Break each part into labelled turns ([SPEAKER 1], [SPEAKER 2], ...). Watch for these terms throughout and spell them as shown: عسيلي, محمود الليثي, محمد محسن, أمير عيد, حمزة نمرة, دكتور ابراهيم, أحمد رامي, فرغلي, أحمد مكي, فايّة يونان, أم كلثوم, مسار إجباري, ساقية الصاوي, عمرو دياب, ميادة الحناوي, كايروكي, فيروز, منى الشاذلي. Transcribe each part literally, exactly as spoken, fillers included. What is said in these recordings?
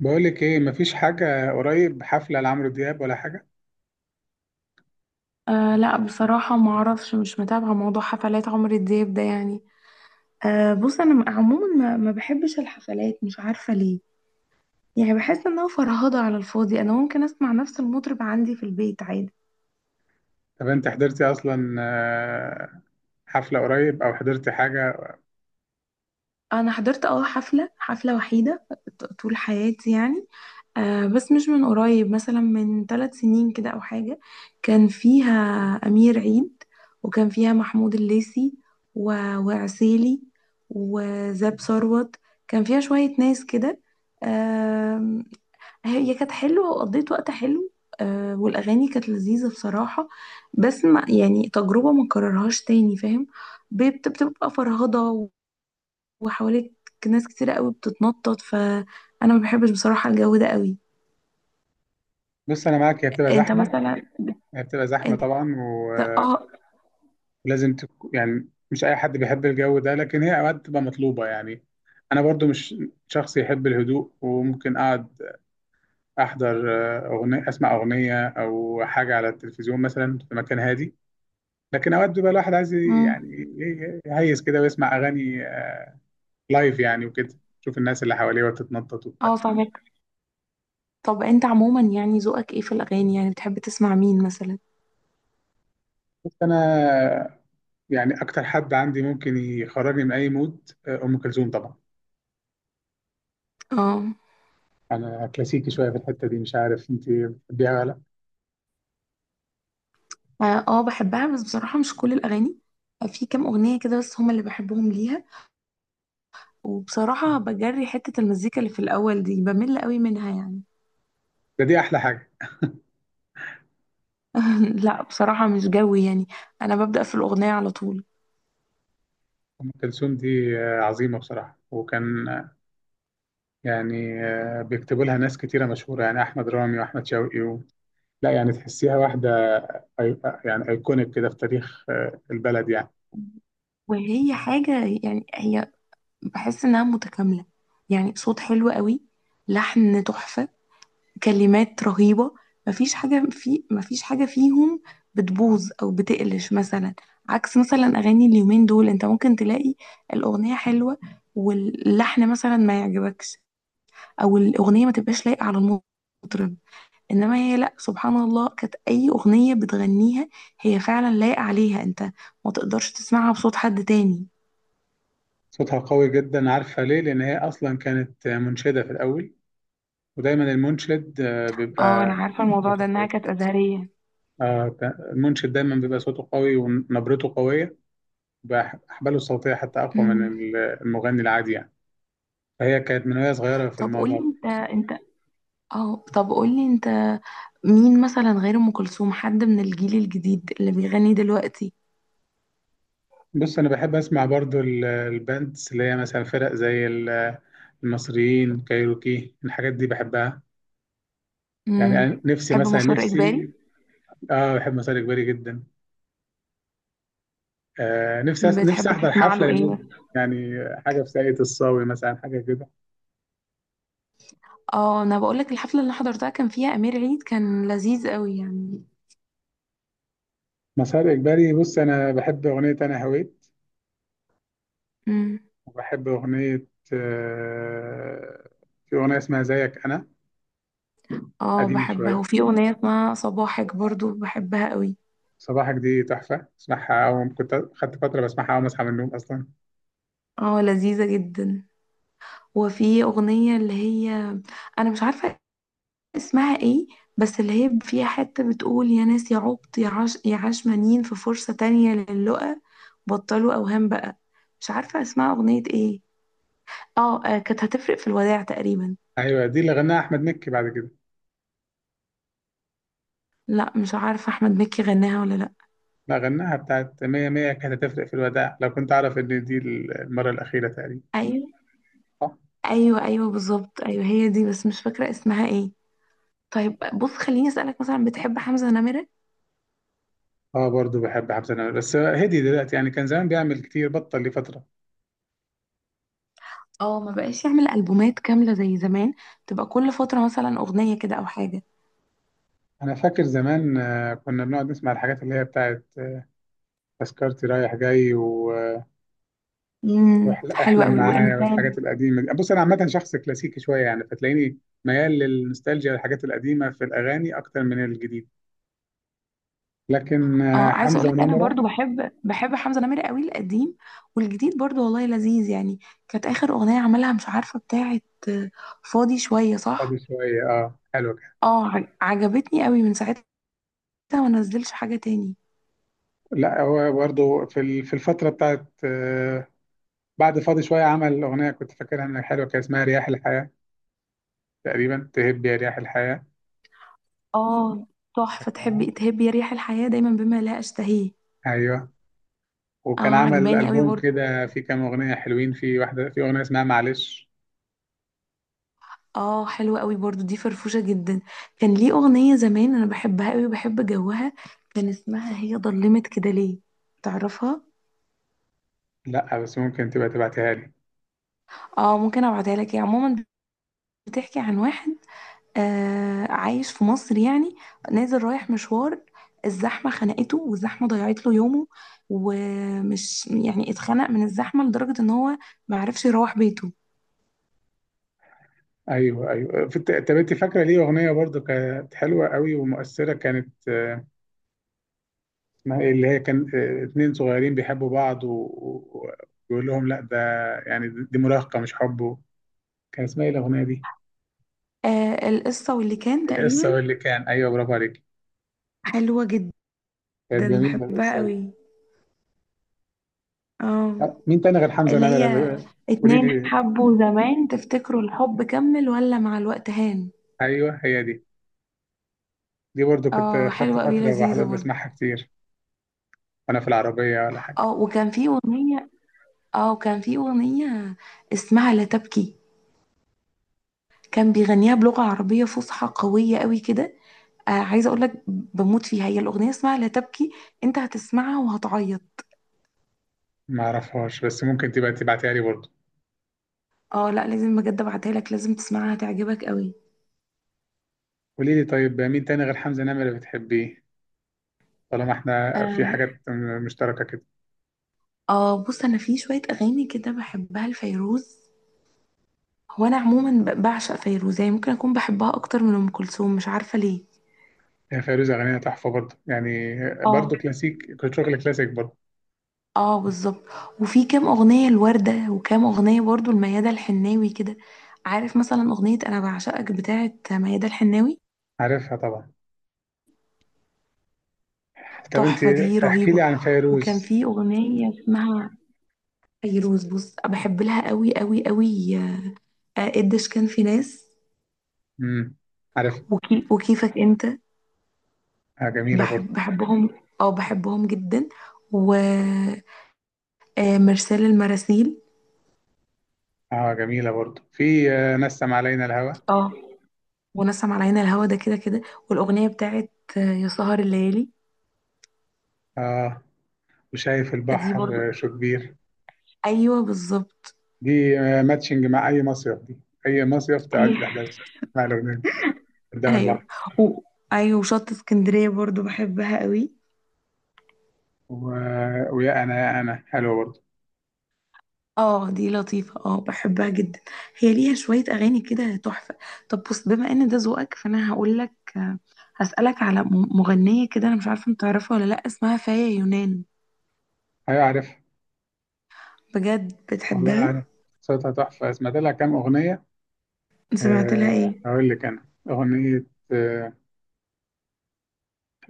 [SPEAKER 1] بقولك ايه، مفيش حاجة قريب، حفلة لعمرو دياب ولا حاجة؟
[SPEAKER 2] أه، لا بصراحة ما اعرفش، مش متابعة موضوع حفلات عمرو دياب ده يعني. أه بص، انا م- عموما ما, ما بحبش الحفلات، مش عارفة ليه. يعني بحس انها فرهضة على الفاضي، انا ممكن اسمع نفس المطرب عندي في البيت عادي.
[SPEAKER 1] طب انت حضرتي اصلا آه، حفلة قريب او حضرتي حاجة؟
[SPEAKER 2] انا حضرت اه حفله حفله وحيده ط- طول حياتي يعني. آه بس مش من قريب، مثلا من ثلاث سنين كده او حاجه. كان فيها امير عيد، وكان فيها محمود الليثي، و... وعسيلي، وزاب ثروت. كان فيها شويه ناس كده. آم، هي كانت حلوه وقضيت وقت حلو. آه والاغاني كانت لذيذه بصراحه. بس ما يعني، تجربه ما اكررهاش تاني، فاهم؟ بت- بتبقى فرهضه وحواليك ناس كتيرة قوي بتتنطط، فانا ما بحبش بصراحة الجو ده قوي.
[SPEAKER 1] بص انا معاك، هي بتبقى
[SPEAKER 2] انت
[SPEAKER 1] زحمة.
[SPEAKER 2] مثلا،
[SPEAKER 1] هي بتبقى زحمة
[SPEAKER 2] انت،
[SPEAKER 1] طبعا و-
[SPEAKER 2] اه.
[SPEAKER 1] ولازم تك... يعني مش اي حد بيحب الجو ده، لكن هي اوقات بتبقى مطلوبة يعني. انا برضو مش شخص يحب الهدوء، وممكن اقعد احضر آه، اغنية، اسمع اغنية او حاجة على التلفزيون مثلا في مكان هادي. لكن اوقات بيبقى الواحد عايز
[SPEAKER 2] مم.
[SPEAKER 1] يعني إيه، يهيس كده ويسمع اغاني لايف يعني وكده. شوف الناس اللي حواليه وتتنطط وبتاع.
[SPEAKER 2] اه فاهمك. طب انت عموما يعني ذوقك ايه في الاغاني؟ يعني بتحب تسمع مين مثلا؟
[SPEAKER 1] بس انا يعني اكتر حد عندي ممكن يخرجني من اي مود آه، ام كلثوم طبعا.
[SPEAKER 2] اه.
[SPEAKER 1] انا كلاسيكي شويه في الحته دي، مش عارف انت بتحبيها ولا لا.
[SPEAKER 2] اه آه، بحبها بس بصراحة مش كل الاغاني. في كام اغنية كده بس هما اللي بحبهم ليها. وبصراحة بجري حتة المزيكا اللي في الاول دي، بمل قوي منها يعني.
[SPEAKER 1] ده دي احلى حاجه.
[SPEAKER 2] لا بصراحة مش جوي يعني، انا ببدأ في الاغنية على طول.
[SPEAKER 1] ام كلثوم دي آه، عظيمه بصراحه، وكان آه، يعني آه، بيكتبوا لها ناس كتيره مشهوره، يعني احمد رامي واحمد شوقي و... لا يعني تحسيها واحده. أي... آه، يعني ايكونيك كده في تاريخ آه، البلد يعني.
[SPEAKER 2] وهي حاجة يعني، هي بحس انها متكامله. يعني صوت حلو قوي، لحن تحفه، كلمات رهيبه. مفيش حاجه في، مفيش حاجه فيهم بتبوظ او بتقلش مثلا. عكس مثلا اغاني اليومين دول، انت ممكن تلاقي الاغنيه حلوه واللحن مثلا ما يعجبكش، او الاغنيه ما تبقاش لايقه على المطرب. انما هي لا سبحان الله، كانت اي اغنيه بتغنيها هي فعلا لايقه عليها، انت ما تقدرش تسمعها بصوت حد تاني.
[SPEAKER 1] صوتها قوي جدا، عارفه ليه؟ لان هي اصلا كانت منشده في الاول، ودايما المنشد آه،
[SPEAKER 2] اه انا
[SPEAKER 1] بيبقى
[SPEAKER 2] عارفه الموضوع ده،
[SPEAKER 1] صوته
[SPEAKER 2] انها
[SPEAKER 1] قوي.
[SPEAKER 2] كانت ازهريه.
[SPEAKER 1] آه ت- المنشد دايما بيبقى صوته قوي ونبرته قوية، بأحباله الصوتية حتى أقوى من ال- المغني العادي يعني. فهي كانت من وهي صغيرة في
[SPEAKER 2] طب قولي
[SPEAKER 1] الموضوع ده.
[SPEAKER 2] انت، انت، اه طب قولي انت، مين مثلا غير ام كلثوم حد من الجيل الجديد اللي بيغني دلوقتي؟
[SPEAKER 1] بص، أنا بحب أسمع برضو ال- الباندز، اللي هي مثلا فرق زي ال- المصريين، كايروكي، الحاجات دي بحبها. يعني
[SPEAKER 2] امم.
[SPEAKER 1] أنا نفسي
[SPEAKER 2] تحب
[SPEAKER 1] مثلا،
[SPEAKER 2] مسار اجباري؟
[SPEAKER 1] نفسي آه بحب مسار إجباري جدا. آه نفسي أس- نفسي
[SPEAKER 2] بتحب
[SPEAKER 1] أحضر
[SPEAKER 2] تسمع
[SPEAKER 1] حفلة
[SPEAKER 2] له ايه
[SPEAKER 1] للناس دي.
[SPEAKER 2] مثلا؟
[SPEAKER 1] يعني حاجة في ساقية الصاوي مثلا، حاجة كده.
[SPEAKER 2] اه انا بقول لك، الحفله اللي حضرتها كان فيها امير عيد، كان لذيذ قوي يعني.
[SPEAKER 1] مسار إجباري، بص أنا بحب أغنية أنا هويت،
[SPEAKER 2] امم.
[SPEAKER 1] وبحب أغنية. آه، في أغنية اسمها زيك أنا،
[SPEAKER 2] اه
[SPEAKER 1] قديمة
[SPEAKER 2] بحبها،
[SPEAKER 1] شوية.
[SPEAKER 2] وفي اغنيه اسمها صباحك برضو بحبها قوي.
[SPEAKER 1] صباحك دي تحفة، اسمعها أول، كنت خدت فترة بسمعها أول ما أصحى من النوم أصلا.
[SPEAKER 2] اه لذيذه جدا. وفي اغنيه اللي هي، انا مش عارفه اسمها ايه، بس اللي هي فيها حتة بتقول: يا ناس يا عبط يا عاش يا عشمانين في فرصة تانية للقا، بطلوا أوهام بقى. مش عارفة اسمها أغنية ايه. اه آه، كانت هتفرق في الوداع تقريبا.
[SPEAKER 1] أيوة، دي اللي غناها أحمد مكي بعد كده.
[SPEAKER 2] لا مش عارفة أحمد مكي غناها ولا لا.
[SPEAKER 1] لا، غناها. بتاعت مية مية، كانت هتفرق في الوداع لو كنت أعرف إن دي المرة الأخيرة تقريبا.
[SPEAKER 2] أيوة.
[SPEAKER 1] صح؟
[SPEAKER 2] أيوة أيوة بالظبط، أيوة هي دي، بس مش فاكرة اسمها ايه. طيب بص، خليني أسألك مثلا، بتحب حمزة نمرة؟
[SPEAKER 1] اه، برضو بحب حمزة نمرة، بس هدي دلوقتي يعني، كان زمان بيعمل كتير، بطل لفترة.
[SPEAKER 2] اه ما بقاش يعمل ألبومات كاملة زي زمان، تبقى كل فترة مثلا أغنية كده أو حاجة.
[SPEAKER 1] أنا فاكر زمان آه، كنا بنقعد نسمع الحاجات اللي هي بتاعت آه، تذكرتي رايح جاي، و آه،
[SPEAKER 2] امم
[SPEAKER 1] واحلم
[SPEAKER 2] حلوة
[SPEAKER 1] أحلم
[SPEAKER 2] قوي،
[SPEAKER 1] معايا
[SPEAKER 2] وإنسان.
[SPEAKER 1] والحاجات القديمه دي. بص انا عامه شخص كلاسيكي شويه يعني، فتلاقيني ميال للنوستالجيا والحاجات القديمه في الاغاني اكتر من الجديد. لكن آه،
[SPEAKER 2] اه عايزه اقول
[SPEAKER 1] حمزه
[SPEAKER 2] لك انا
[SPEAKER 1] ونمره.
[SPEAKER 2] برضو بحب، بحب حمزه نمرة قوي، القديم والجديد برضو والله لذيذ يعني. كانت اخر اغنيه عملها مش عارفه بتاعه، آه، فاضي شويه، صح؟
[SPEAKER 1] فاضي شويه، اه حلو كده.
[SPEAKER 2] اه ع- عجبتني قوي من ساعتها، ما نزلش حاجه تاني.
[SPEAKER 1] لا، هو برضه في ال- في الفتره بتاعت آه، بعد فاضي شويه، عمل اغنيه كنت فاكرها انها حلوه، كان اسمها رياح الحياه تقريبا، تهب يا رياح الحياه.
[SPEAKER 2] اه تحفه،
[SPEAKER 1] فاكرها؟
[SPEAKER 2] تحبي تهبي يا ريح الحياه دايما بما لا اشتهيه.
[SPEAKER 1] ايوه.
[SPEAKER 2] اه
[SPEAKER 1] وكان عمل
[SPEAKER 2] عجباني قوي
[SPEAKER 1] البوم
[SPEAKER 2] برضو.
[SPEAKER 1] كده فيه كام اغنيه حلوين، في واحده، في اغنيه اسمها معلش.
[SPEAKER 2] اه حلوه قوي برضو دي، فرفوشه جدا. كان ليه اغنيه زمان انا بحبها قوي وبحب جوها، كان اسمها هي ضلمت كده ليه، تعرفها؟
[SPEAKER 1] لا بس ممكن تبقى تبعتها لي.
[SPEAKER 2] اه ممكن ابعتها لك. هي عموما بتحكي عن واحد آه عايش في مصر يعني، نازل رايح مشوار، الزحمة خنقته والزحمة ضيعت له يومه، ومش يعني اتخنق من الزحمة لدرجة ان هو معرفش يروح بيته.
[SPEAKER 1] ايوه ايوه، في الت- طب انت فاكره ليه اغنيه برضو كانت حلوه قوي ومؤثره، كانت آه، اسمها ايه اللي هي كان آه، اتنين صغيرين بيحبوا بعض و- و- ويقول لهم لا، ده يعني دي مراهقه مش حب. كان اسمها ايه الاغنيه دي؟
[SPEAKER 2] آه القصة واللي كان
[SPEAKER 1] القصه
[SPEAKER 2] تقريبا.
[SPEAKER 1] واللي كان، ايوه برافو عليك.
[SPEAKER 2] حلوة جدا.
[SPEAKER 1] كانت جميله
[SPEAKER 2] بحبها
[SPEAKER 1] القصه دي.
[SPEAKER 2] قوي. اه
[SPEAKER 1] طب مين تاني غير حمزه
[SPEAKER 2] اللي
[SPEAKER 1] نمره؟
[SPEAKER 2] هي
[SPEAKER 1] آه، قولي
[SPEAKER 2] اتنين
[SPEAKER 1] لي.
[SPEAKER 2] حبوا زمان تفتكروا الحب كمل ولا مع الوقت هان.
[SPEAKER 1] ايوه هي دي، دي برضو كنت
[SPEAKER 2] اه
[SPEAKER 1] خدت
[SPEAKER 2] حلوة قوي،
[SPEAKER 1] فتره
[SPEAKER 2] لذيذة
[SPEAKER 1] بحضر
[SPEAKER 2] برضه.
[SPEAKER 1] بسمعها كتير وانا في العربيه ولا حاجه.
[SPEAKER 2] اه وكان في اغنية، اه وكان في اغنية اسمها لا تبكي، كان بيغنيها بلغة عربية فصحى قوية قوي كده. آه عايزة اقول لك بموت فيها، هي الأغنية اسمها لا تبكي، انت هتسمعها وهتعيط.
[SPEAKER 1] ما اعرفهاش، بس ممكن تبقى تبعتها لي برضو.
[SPEAKER 2] اه لا لازم بجد ابعتها لك، لازم تسمعها هتعجبك قوي.
[SPEAKER 1] قولي لي طيب، مين تاني غير حمزه نمره بتحبيه؟ طالما احنا في
[SPEAKER 2] اه
[SPEAKER 1] حاجات مشتركه كده.
[SPEAKER 2] آه، بص انا في شوية اغاني كده بحبها لفيروز. هو انا عموما ب- بعشق فيروز يعني، ممكن اكون بحبها اكتر من ام كلثوم، مش عارفة ليه.
[SPEAKER 1] هي فيروز اغانيها تحفه برضه يعني. برضه
[SPEAKER 2] اه.
[SPEAKER 1] كلاسيك، كنت شغل كلاسيك برضه.
[SPEAKER 2] اه بالظبط. وفي كام اغنية الوردة، وكام اغنية برضو الميادة الحناوي كده. عارف مثلا اغنية انا بعشقك بتاعت ميادة الحناوي؟
[SPEAKER 1] عارفها طبعا. طب انت
[SPEAKER 2] تحفة دي،
[SPEAKER 1] احكي لي
[SPEAKER 2] رهيبة.
[SPEAKER 1] عن
[SPEAKER 2] وكان
[SPEAKER 1] فيروز.
[SPEAKER 2] في أغنية اسمها، فيروز بص بحب لها قوي قوي قوي، آه، قديش كان في ناس،
[SPEAKER 1] امم، عارفها.
[SPEAKER 2] وكي وكيفك انت،
[SPEAKER 1] آه، جميله برضه.
[SPEAKER 2] بحب بحبهم. اه بحبهم جدا. ومرسال المراسيل.
[SPEAKER 1] اه جميله برضه، في آه، نسم علينا الهوى.
[SPEAKER 2] اه ونسم على عين الهوا ده كده كده. والأغنية بتاعت آه، يا سهر الليالي.
[SPEAKER 1] اه، وشايف
[SPEAKER 2] دي برضو.
[SPEAKER 1] البحر آه، شو كبير.
[SPEAKER 2] ايوه بالظبط.
[SPEAKER 1] دي آه ماتشنج مع اي مصيف. دي اي مصيف
[SPEAKER 2] ايوه
[SPEAKER 1] تقعد تحلم مع الاغنيه قدام
[SPEAKER 2] ايوه.
[SPEAKER 1] البحر.
[SPEAKER 2] و- ايوه وشط اسكندرية برضو بحبها قوي.
[SPEAKER 1] و... ويا انا يا انا حلوه برضه.
[SPEAKER 2] اه دي لطيفة، اه بحبها جدا. هي ليها شوية أغاني كده تحفة. طب بص، بما إن ده ذوقك فأنا هقول لك، هسألك على م- مغنية كده، أنا مش عارفة أنت تعرفها ولا لأ، اسمها فاية يونان.
[SPEAKER 1] ايوه عارفها.
[SPEAKER 2] بجد
[SPEAKER 1] والله
[SPEAKER 2] بتحبها؟
[SPEAKER 1] عارف، صوتها تحفه، سمعت لها كام اغنيه.
[SPEAKER 2] سمعت لها
[SPEAKER 1] أه،
[SPEAKER 2] إيه؟
[SPEAKER 1] هقول لك. أنا أغنية، أه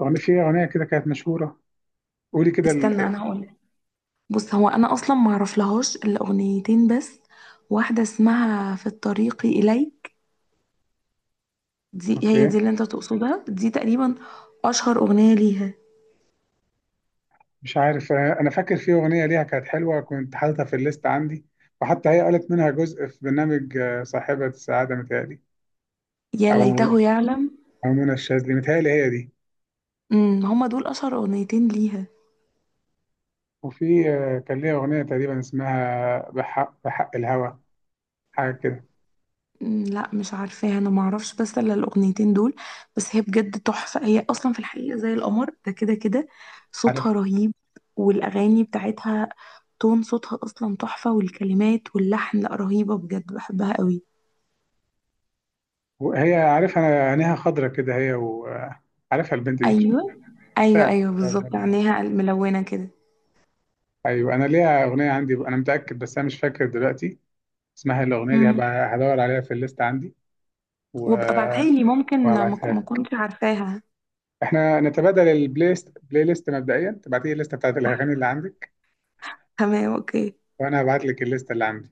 [SPEAKER 1] أغنية، في أغنية كده كانت مشهورة. قولي كده
[SPEAKER 2] استنى
[SPEAKER 1] ال-
[SPEAKER 2] أنا هقول لك. بص، هو أنا أصلا ما أعرفلهاش إلا أغنيتين بس. واحدة اسمها في الطريق إليك، دي هي
[SPEAKER 1] أوكي.
[SPEAKER 2] دي اللي أنت تقصدها دي تقريبا، أشهر أغنية ليها.
[SPEAKER 1] مش عارف، آه، أنا فاكر في أغنية ليها كانت حلوة، كنت حاططها في الليست عندي، وحتى هي قالت منها جزء في برنامج آه، صاحبة السعادة متهيألي،
[SPEAKER 2] يا
[SPEAKER 1] أو
[SPEAKER 2] ليته يعلم.
[SPEAKER 1] أو منى الشاذلي متهيألي، هي دي.
[SPEAKER 2] امم هما دول أشهر أغنيتين ليها.
[SPEAKER 1] وفي آه، كان ليها أغنية تقريبا اسمها بحق بحق الهوى، حاجة كده.
[SPEAKER 2] مم، لا مش عارفاها، انا ما اعرفش بس الا الاغنيتين دول. بس هي بجد تحفه، هي اصلا في الحقيقه زي القمر ده كده كده.
[SPEAKER 1] عارف.
[SPEAKER 2] صوتها رهيب، والاغاني بتاعتها، تون صوتها اصلا تحفه، والكلمات واللحن لا رهيبه بجد بحبها قوي.
[SPEAKER 1] وهي عارفها أنا، عينيها خضرة كده هي، وعارفها البنت دي.
[SPEAKER 2] ايوه. ايوه
[SPEAKER 1] شفتها.
[SPEAKER 2] ايوه بالظبط، عينيها ملونه كده.
[SPEAKER 1] ايوه، انا ليها اغنيه عندي، انا متاكد، بس انا مش فاكر دلوقتي اسمها الاغنيه دي،
[SPEAKER 2] امم.
[SPEAKER 1] هبقى هدور عليها في الليست عندي و...
[SPEAKER 2] وابقى ابعتها لي، ممكن ما ك-
[SPEAKER 1] وهبعتها
[SPEAKER 2] ما
[SPEAKER 1] لك.
[SPEAKER 2] كنتش عارفاها.
[SPEAKER 1] احنا نتبادل البلاي ليست. بلاي ليست، مبدئيا تبعتي لي الليسته بتاعت الاغاني اللي عندك،
[SPEAKER 2] تمام اوكي.
[SPEAKER 1] وانا هبعت لك الليسته اللي عندي.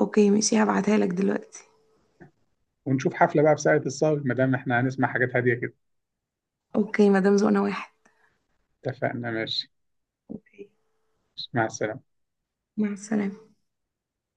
[SPEAKER 2] اوكي ماشي، هبعتها لك دلوقتي.
[SPEAKER 1] ونشوف حفله بقى بساعة الصاوي، ما دام احنا هنسمع حاجات هاديه كده.
[SPEAKER 2] اوكي، مدام زقنا واحد.
[SPEAKER 1] اتفقنا ماشي.
[SPEAKER 2] اوكي.
[SPEAKER 1] مع السلامه.
[SPEAKER 2] مع السلامه.